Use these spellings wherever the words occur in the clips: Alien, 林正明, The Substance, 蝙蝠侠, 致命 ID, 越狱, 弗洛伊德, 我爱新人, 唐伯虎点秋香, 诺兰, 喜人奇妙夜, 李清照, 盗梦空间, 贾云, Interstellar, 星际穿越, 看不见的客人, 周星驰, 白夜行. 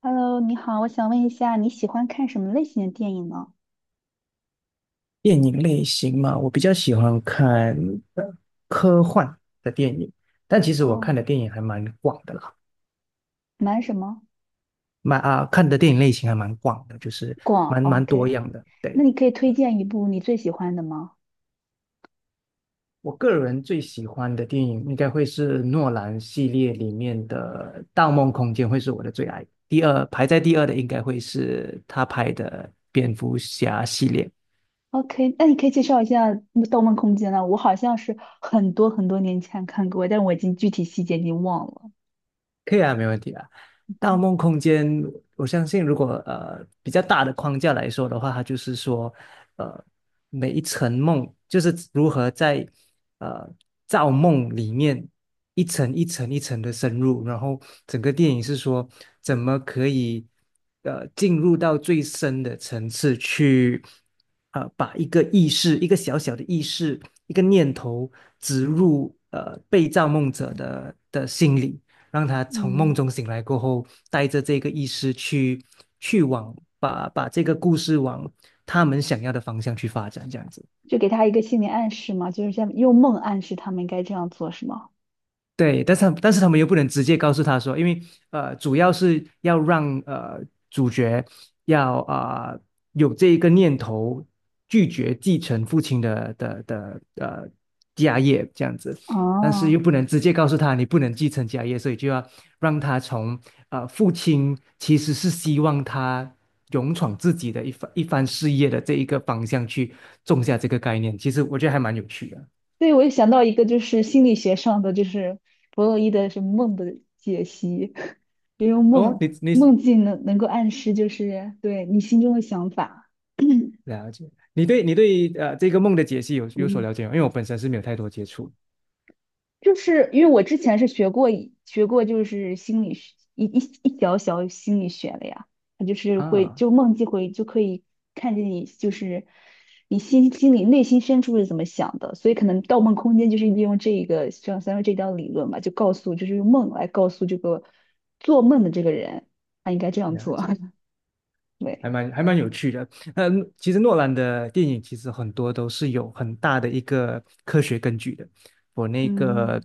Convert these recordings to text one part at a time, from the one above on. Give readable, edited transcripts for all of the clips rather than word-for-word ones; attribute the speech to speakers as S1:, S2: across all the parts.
S1: Hello，你好，我想问一下，你喜欢看什么类型的电影呢？
S2: 电影类型嘛，我比较喜欢看呃科幻的电影，但其实我看
S1: 哦，
S2: 的电影还蛮广的啦，
S1: 蛮什么？
S2: 看的电影类型还蛮广的，就是
S1: 广
S2: 蛮多
S1: ，OK。
S2: 样的。
S1: 那
S2: 对，
S1: 你可以推荐一部你最喜欢的吗
S2: 我个人最喜欢的电影应该会是诺兰系列里面的《盗梦空间》会是我的最爱，第二排在第二的应该会是他拍的《蝙蝠侠》系列。
S1: ？OK，那你可以介绍一下《盗梦空间》呢？我好像是很多很多年前看过，但我已经具体细节已经忘了。
S2: 可以啊，没问题啊。盗梦空间，我相信如果比较大的框架来说的话，它就是说，呃，每一层梦就是如何在呃造梦里面一层一层一层的深入，然后整个电影是说怎么可以进入到最深的层次去，把一个小小的意识一个念头植入被造梦者的心里。让他从梦
S1: 嗯，
S2: 中醒来过后，带着这个意识去往把这个故事往他们想要的方向去发展，这样子。
S1: 就给他一个心理暗示嘛，就是这样用梦暗示他们应该这样做，是吗？
S2: 对，但是他们又不能直接告诉他说，因为主要是要让主角要啊、呃有这一个念头，拒绝继承父亲的家业这样子，但是
S1: 哦，
S2: 又不能直接告诉他你不能继承家业，所以就要让他从父亲其实是希望他勇闯自己的一番一番事业的这一个方向去种下这个概念，其实我觉得还蛮有趣的。
S1: 对，我也想到一个，就是心理学上的，就是弗洛伊德是梦的解析，就用
S2: 哦，
S1: 梦
S2: 你
S1: 梦境能够暗示，就是对你心中的想法。
S2: 了解。你对这个梦的解析有所
S1: 嗯，
S2: 了解吗？因为我本身是没有太多接触
S1: 就是因为我之前是学过，就是心理学一小小心理学的呀，它就是会
S2: 啊，
S1: 就梦境会就可以看见你就是你心里内心深处是怎么想的，所以可能《盗梦空间》就是利用这一个像三说这条理论吧，就告诉就是用梦来告诉这个做梦的这个人他应该这样
S2: 了
S1: 做，
S2: 解，
S1: 对，
S2: 还蛮有趣的。嗯，其实诺兰的电影其实很多都是有很大的一个科学根据的。我那
S1: 嗯，
S2: 个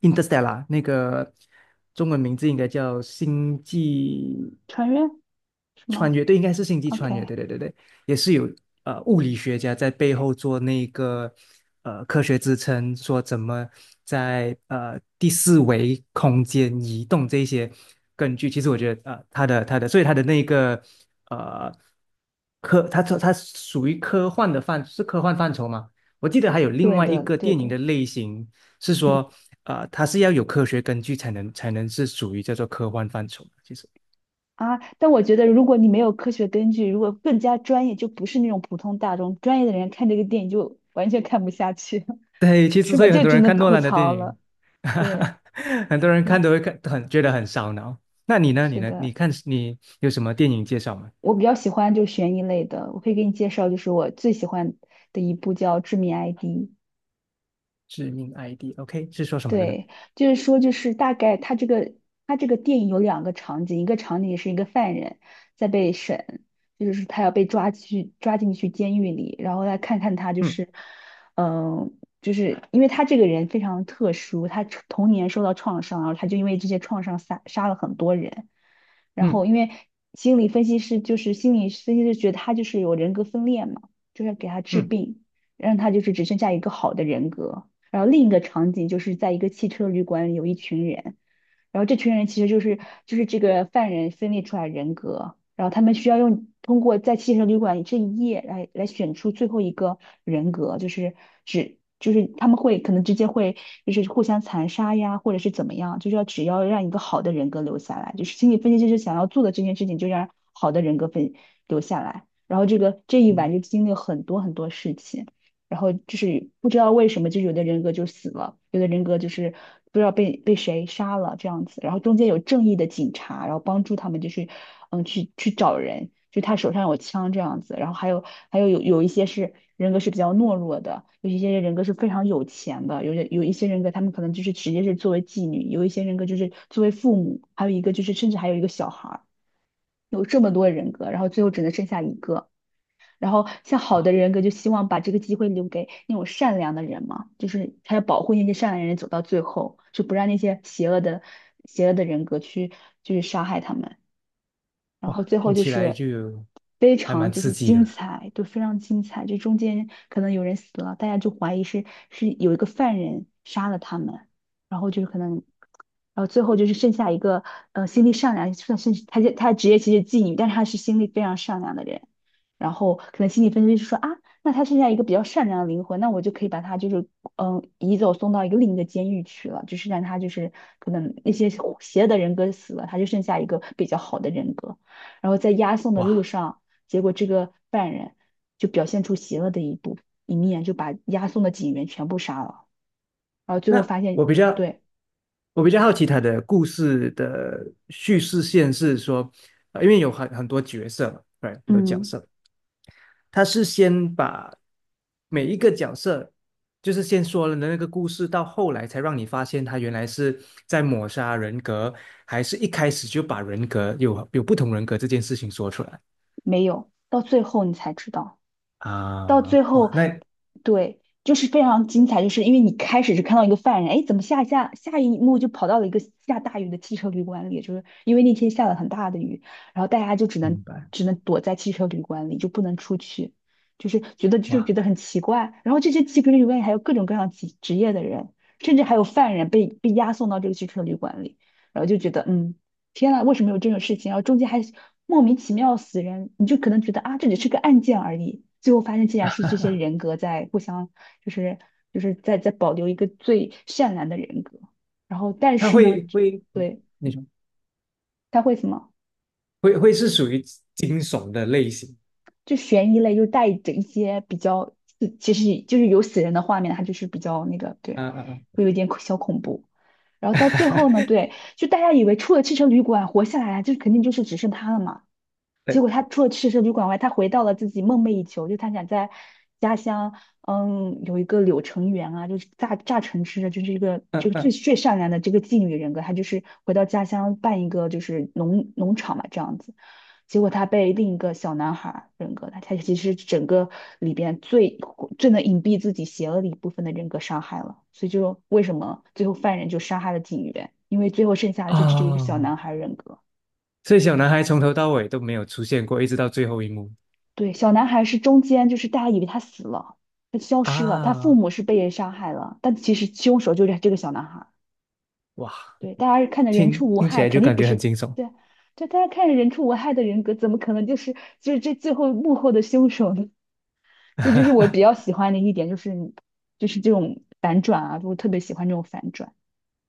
S2: 《Interstellar》那个中文名字应该叫《星际》
S1: 穿越是
S2: 穿
S1: 吗
S2: 越，对，应该是星际穿越，
S1: ？OK,
S2: 对对对对，也是有物理学家在背后做那个科学支撑，说怎么在第四维空间移动这些根据。其实我觉得他的他的，所以他的那个呃科，他他他属于科幻的范，是科幻范畴吗？我记得还有另
S1: 对
S2: 外一
S1: 的
S2: 个
S1: 对
S2: 电影
S1: 的，
S2: 的类型是
S1: 嗯。
S2: 说，它是要有科学根据才能是属于叫做科幻范畴的，其实。
S1: 啊，但我觉得如果你没有科学根据，如果更加专业，就不是那种普通大众，专业的人看这个电影就完全看不下去，
S2: 对，其实
S1: 是
S2: 所
S1: 吧？
S2: 以很
S1: 就
S2: 多
S1: 只
S2: 人
S1: 能
S2: 看诺
S1: 吐
S2: 兰的电
S1: 槽了。
S2: 影，
S1: 对，
S2: 很多人
S1: 对，
S2: 看都会看，很觉得很烧脑。那你呢？
S1: 是的，
S2: 你看你有什么电影介绍吗？
S1: 我比较喜欢就悬疑类的，我可以给你介绍，就是我最喜欢的一部叫《致命 ID》,
S2: 致命 ID，OK，是说什么的呢？
S1: 对，就是说，就是大概他这个电影有两个场景，一个场景是一个犯人在被审，就是他要被抓去抓进去监狱里，然后来看看他就
S2: 嗯
S1: 是，嗯、就是因为他这个人非常特殊，他童年受到创伤，然后他就因为这些创伤杀了很多人，然
S2: 嗯
S1: 后因为心理分析师觉得他就是有人格分裂嘛，就是要给他治
S2: 嗯
S1: 病，让他就是只剩下一个好的人格。然后另一个场景就是在一个汽车旅馆，有一群人，然后这群人其实就是这个犯人分裂出来人格，然后他们需要用通过在汽车旅馆这一夜来选出最后一个人格，就是只就是他们会可能直接会就是互相残杀呀，或者是怎么样，就是要只要让一个好的人格留下来，就是心理分析师想要做的这件事情，就让好的人格分留下来。然后这个这一晚
S2: 嗯，
S1: 就经历了很多很多事情。然后就是不知道为什么，就是有的人格就死了，有的人格就是不知道被谁杀了这样子。然后中间有正义的警察，然后帮助他们，就是去找人，就他手上有枪这样子。然后还有一些是人格是比较懦弱的，有一些人格是非常有钱的，有一些人格他们可能就是直接是作为妓女，有一些人格就是作为父母，还有一个就是甚至还有一个小孩儿，有这么多人格，然后最后只能剩下一个。然后像好的人格就希望把这个机会留给那种善良的人嘛，就是他要保护那些善良的人走到最后，就不让那些邪恶的人格去杀害他们。然
S2: 哇，
S1: 后最后
S2: 听
S1: 就
S2: 起来
S1: 是
S2: 就
S1: 非
S2: 还
S1: 常
S2: 蛮
S1: 就
S2: 刺
S1: 是
S2: 激
S1: 精
S2: 的。
S1: 彩，就非常精彩。这中间可能有人死了，大家就怀疑是有一个犯人杀了他们，然后就是可能，然后最后就是剩下一个心地善良，算是他职业其实是妓女，但是他是心地非常善良的人。然后可能心理分析师说啊，那他剩下一个比较善良的灵魂，那我就可以把他就是嗯移走送到一个另一个监狱去了，就是让他就是可能那些邪恶的人格死了，他就剩下一个比较好的人格。然后在押送的路
S2: 哇，
S1: 上，结果这个犯人就表现出邪恶的一面，就把押送的警员全部杀了，然后最后
S2: 那
S1: 发现，对，
S2: 我比较好奇他的故事的叙事线是说，因为有很多角色嘛，对，很多角
S1: 嗯，
S2: 色，他是先把每一个角色，就是先说了的那个故事，到后来才让你发现他原来是在抹杀人格，还是一开始就把人格有不同人格这件事情说出来
S1: 没有，到最后你才知道。到
S2: 啊？
S1: 最
S2: 哇，
S1: 后，
S2: 那
S1: 对，就是非常精彩，就是因为你开始是看到一个犯人，哎，怎么下一幕就跑到了一个下大雨的汽车旅馆里，就是因为那天下了很大的雨，然后大家就只能
S2: 明白。
S1: 只能躲在汽车旅馆里，就不能出去，就是觉得就觉
S2: 哇，
S1: 得很奇怪。然后这些汽车旅馆里还有各种各样职业的人，甚至还有犯人被押送到这个汽车旅馆里，然后就觉得嗯。天呐，为什么有这种事情？然后中间还莫名其妙死人，你就可能觉得啊，这只是个案件而已，最后发现竟然是这些人格在互相，就是就是在在保留一个最善良的人格。然后，但
S2: 他
S1: 是呢，
S2: 会，
S1: 对，
S2: 你说
S1: 他会什么？
S2: 会是属于惊悚的类型？
S1: 就悬疑类又带着一些比较，其实就是有死人的画面，它就是比较那个，
S2: 啊
S1: 对，
S2: 啊啊！
S1: 会有一点小恐怖。然后到最后呢，对，就大家以为出了汽车旅馆活下来，就肯定就是只剩他了嘛。结
S2: 对，
S1: 果他除了去社旅馆外，他回到了自己梦寐以求，就他想在家乡，嗯，有一个柳橙园啊，就是榨橙汁的，就是一个这
S2: 嗯
S1: 个最
S2: 嗯
S1: 最善良的这个妓女人格，他就是回到家乡办一个就是农场嘛这样子。结果他被另一个小男孩儿人格，他其实整个里边最最能隐蔽自己邪恶的一部分的人格伤害了，所以就为什么最后犯人就杀害了警员，因为最后剩下的就只有一个小
S2: 哦，
S1: 男孩人格。
S2: 所以小男孩从头到尾都没有出现过，一直到最后一幕
S1: 对，小男孩是中间，就是大家以为他死了，他消失了，他父
S2: 啊！
S1: 母是被人杀害了，但其实凶手就是这个小男孩。
S2: 哇，
S1: 对，大家看着人畜
S2: 听
S1: 无
S2: 听起
S1: 害，
S2: 来就
S1: 肯定
S2: 感
S1: 不
S2: 觉
S1: 是，
S2: 很惊悚。
S1: 对，这大家看着人畜无害的人格，怎么可能就是就是这最后幕后的凶手呢？所以就是我比
S2: 嗯
S1: 较喜欢的一点就是这种反转啊，我特别喜欢这种反转。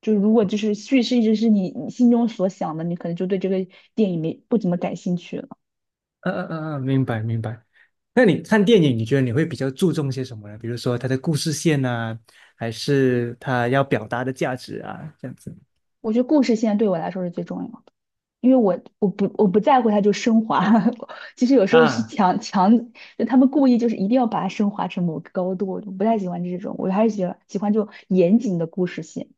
S1: 就是如果就是叙事一直是你心中所想的，你可能就对这个电影没不怎么感兴趣了。
S2: 嗯嗯嗯，明白明白。那你看电影，你觉得你会比较注重些什么呢？比如说它的故事线啊，还是它要表达的价值啊，这样子
S1: 我觉得故事现在对我来说是最重要的。因为我不在乎它就升华，其实有时候是
S2: 啊，
S1: 强，就他们故意就是一定要把它升华成某个高度，我就不太喜欢这种，我还是喜欢这种严谨的故事性，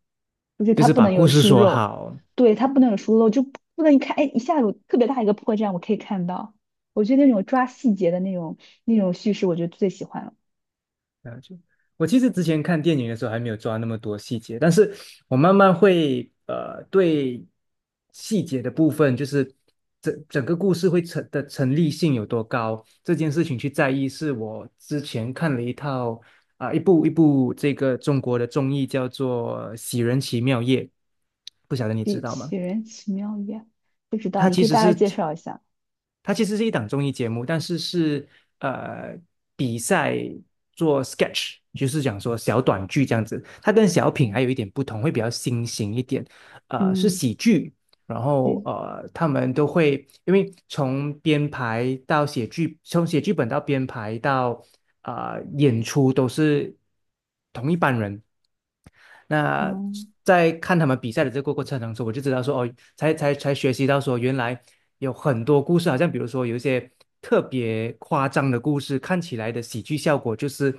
S1: 就是
S2: 就
S1: 它
S2: 是
S1: 不
S2: 把
S1: 能有
S2: 故事
S1: 疏
S2: 说
S1: 漏，
S2: 好，
S1: 对，它不能有疏漏，就不能一看，哎，一下有特别大一个破绽，我可以看到，我觉得那种抓细节的那种叙事，我就最喜欢了，
S2: 了就我其实之前看电影的时候还没有抓那么多细节，但是我慢慢会对细节的部分，就是整个故事会成立性有多高这件事情去在意，是我之前看了一套啊、一部这个中国的综艺叫做《喜人奇妙夜》，不晓得你知
S1: 对，
S2: 道吗？
S1: 杞人奇妙也不知道，
S2: 它
S1: 你
S2: 其
S1: 可以
S2: 实
S1: 大概
S2: 是。
S1: 介绍一下，
S2: 它其实是一档综艺节目，但是是呃比赛做 sketch，就是讲说小短剧这样子。它跟小品还有一点不同，会比较新型一点，是
S1: 嗯，
S2: 喜剧。然后
S1: 对，
S2: 他们都会因为从编排到写剧，从写剧本到编排到演出都是同一班人。那
S1: 嗯
S2: 在看他们比赛的这个过程当中，我就知道说哦，才学习到说原来有很多故事啊，好像比如说有一些特别夸张的故事，看起来的喜剧效果就是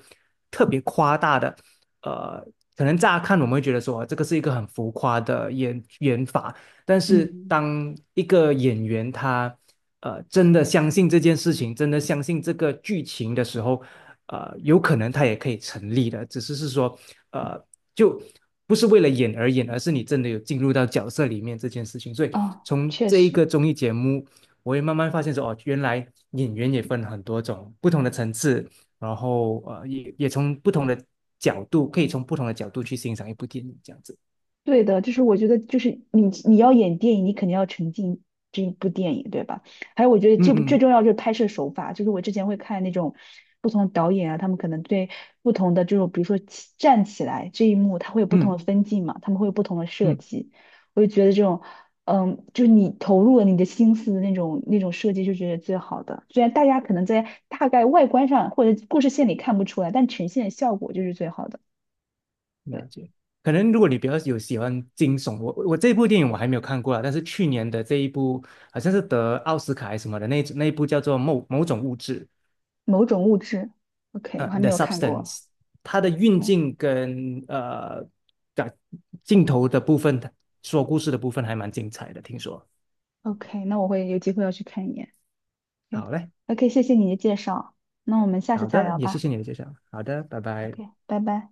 S2: 特别夸大的。呃，可能乍看我们会觉得说啊这个是一个很浮夸的演法，但是
S1: 嗯
S2: 当一个演员他真的相信这件事情，真的相信这个剧情的时候，有可能他也可以成立的，只是是说呃就。不是为了演而演，而是你真的有进入到角色里面这件事情，所以
S1: 啊，
S2: 从
S1: 确
S2: 这一
S1: 实。
S2: 个综艺节目，我也慢慢发现说，哦，原来演员也分很多种不同的层次，然后也从不同的角度，可以从不同的角度去欣赏一部电影，这样子。
S1: 对的，就是我觉得，就是你要演电影，你肯定要沉浸这一部电影，对吧？还有，我觉得
S2: 嗯
S1: 这部最重
S2: 嗯
S1: 要就是拍摄手法，就是我之前会看那种不同的导演啊，他们可能对不同的这种，比如说起站起来这一幕，他会有不同
S2: 嗯
S1: 的分镜嘛，他们会有不同的设
S2: 嗯，
S1: 计。我就觉得这种，嗯，就是你投入了你的心思的那种设计，就觉得最好的。虽然大家可能在大概外观上或者故事线里看不出来，但呈现效果就是最好的。
S2: 了
S1: 对。
S2: 解。可能如果你比较有喜欢惊悚，这部电影我还没有看过啊，但是去年的这一部好像是得奥斯卡还是什么的那一部叫做某种物质，
S1: 某种物质。OK,我还没
S2: The
S1: 有看过。
S2: Substance，它的运
S1: o
S2: 镜跟的镜头的部分，说故事的部分还蛮精彩的，听说。
S1: OK,那我会有机会要去看一眼。
S2: 好嘞，
S1: o o k 谢谢你的介绍。那我们下次
S2: 好
S1: 再
S2: 的，
S1: 聊
S2: 也谢
S1: 吧。
S2: 谢你的介绍。好的，拜拜。
S1: OK,拜拜。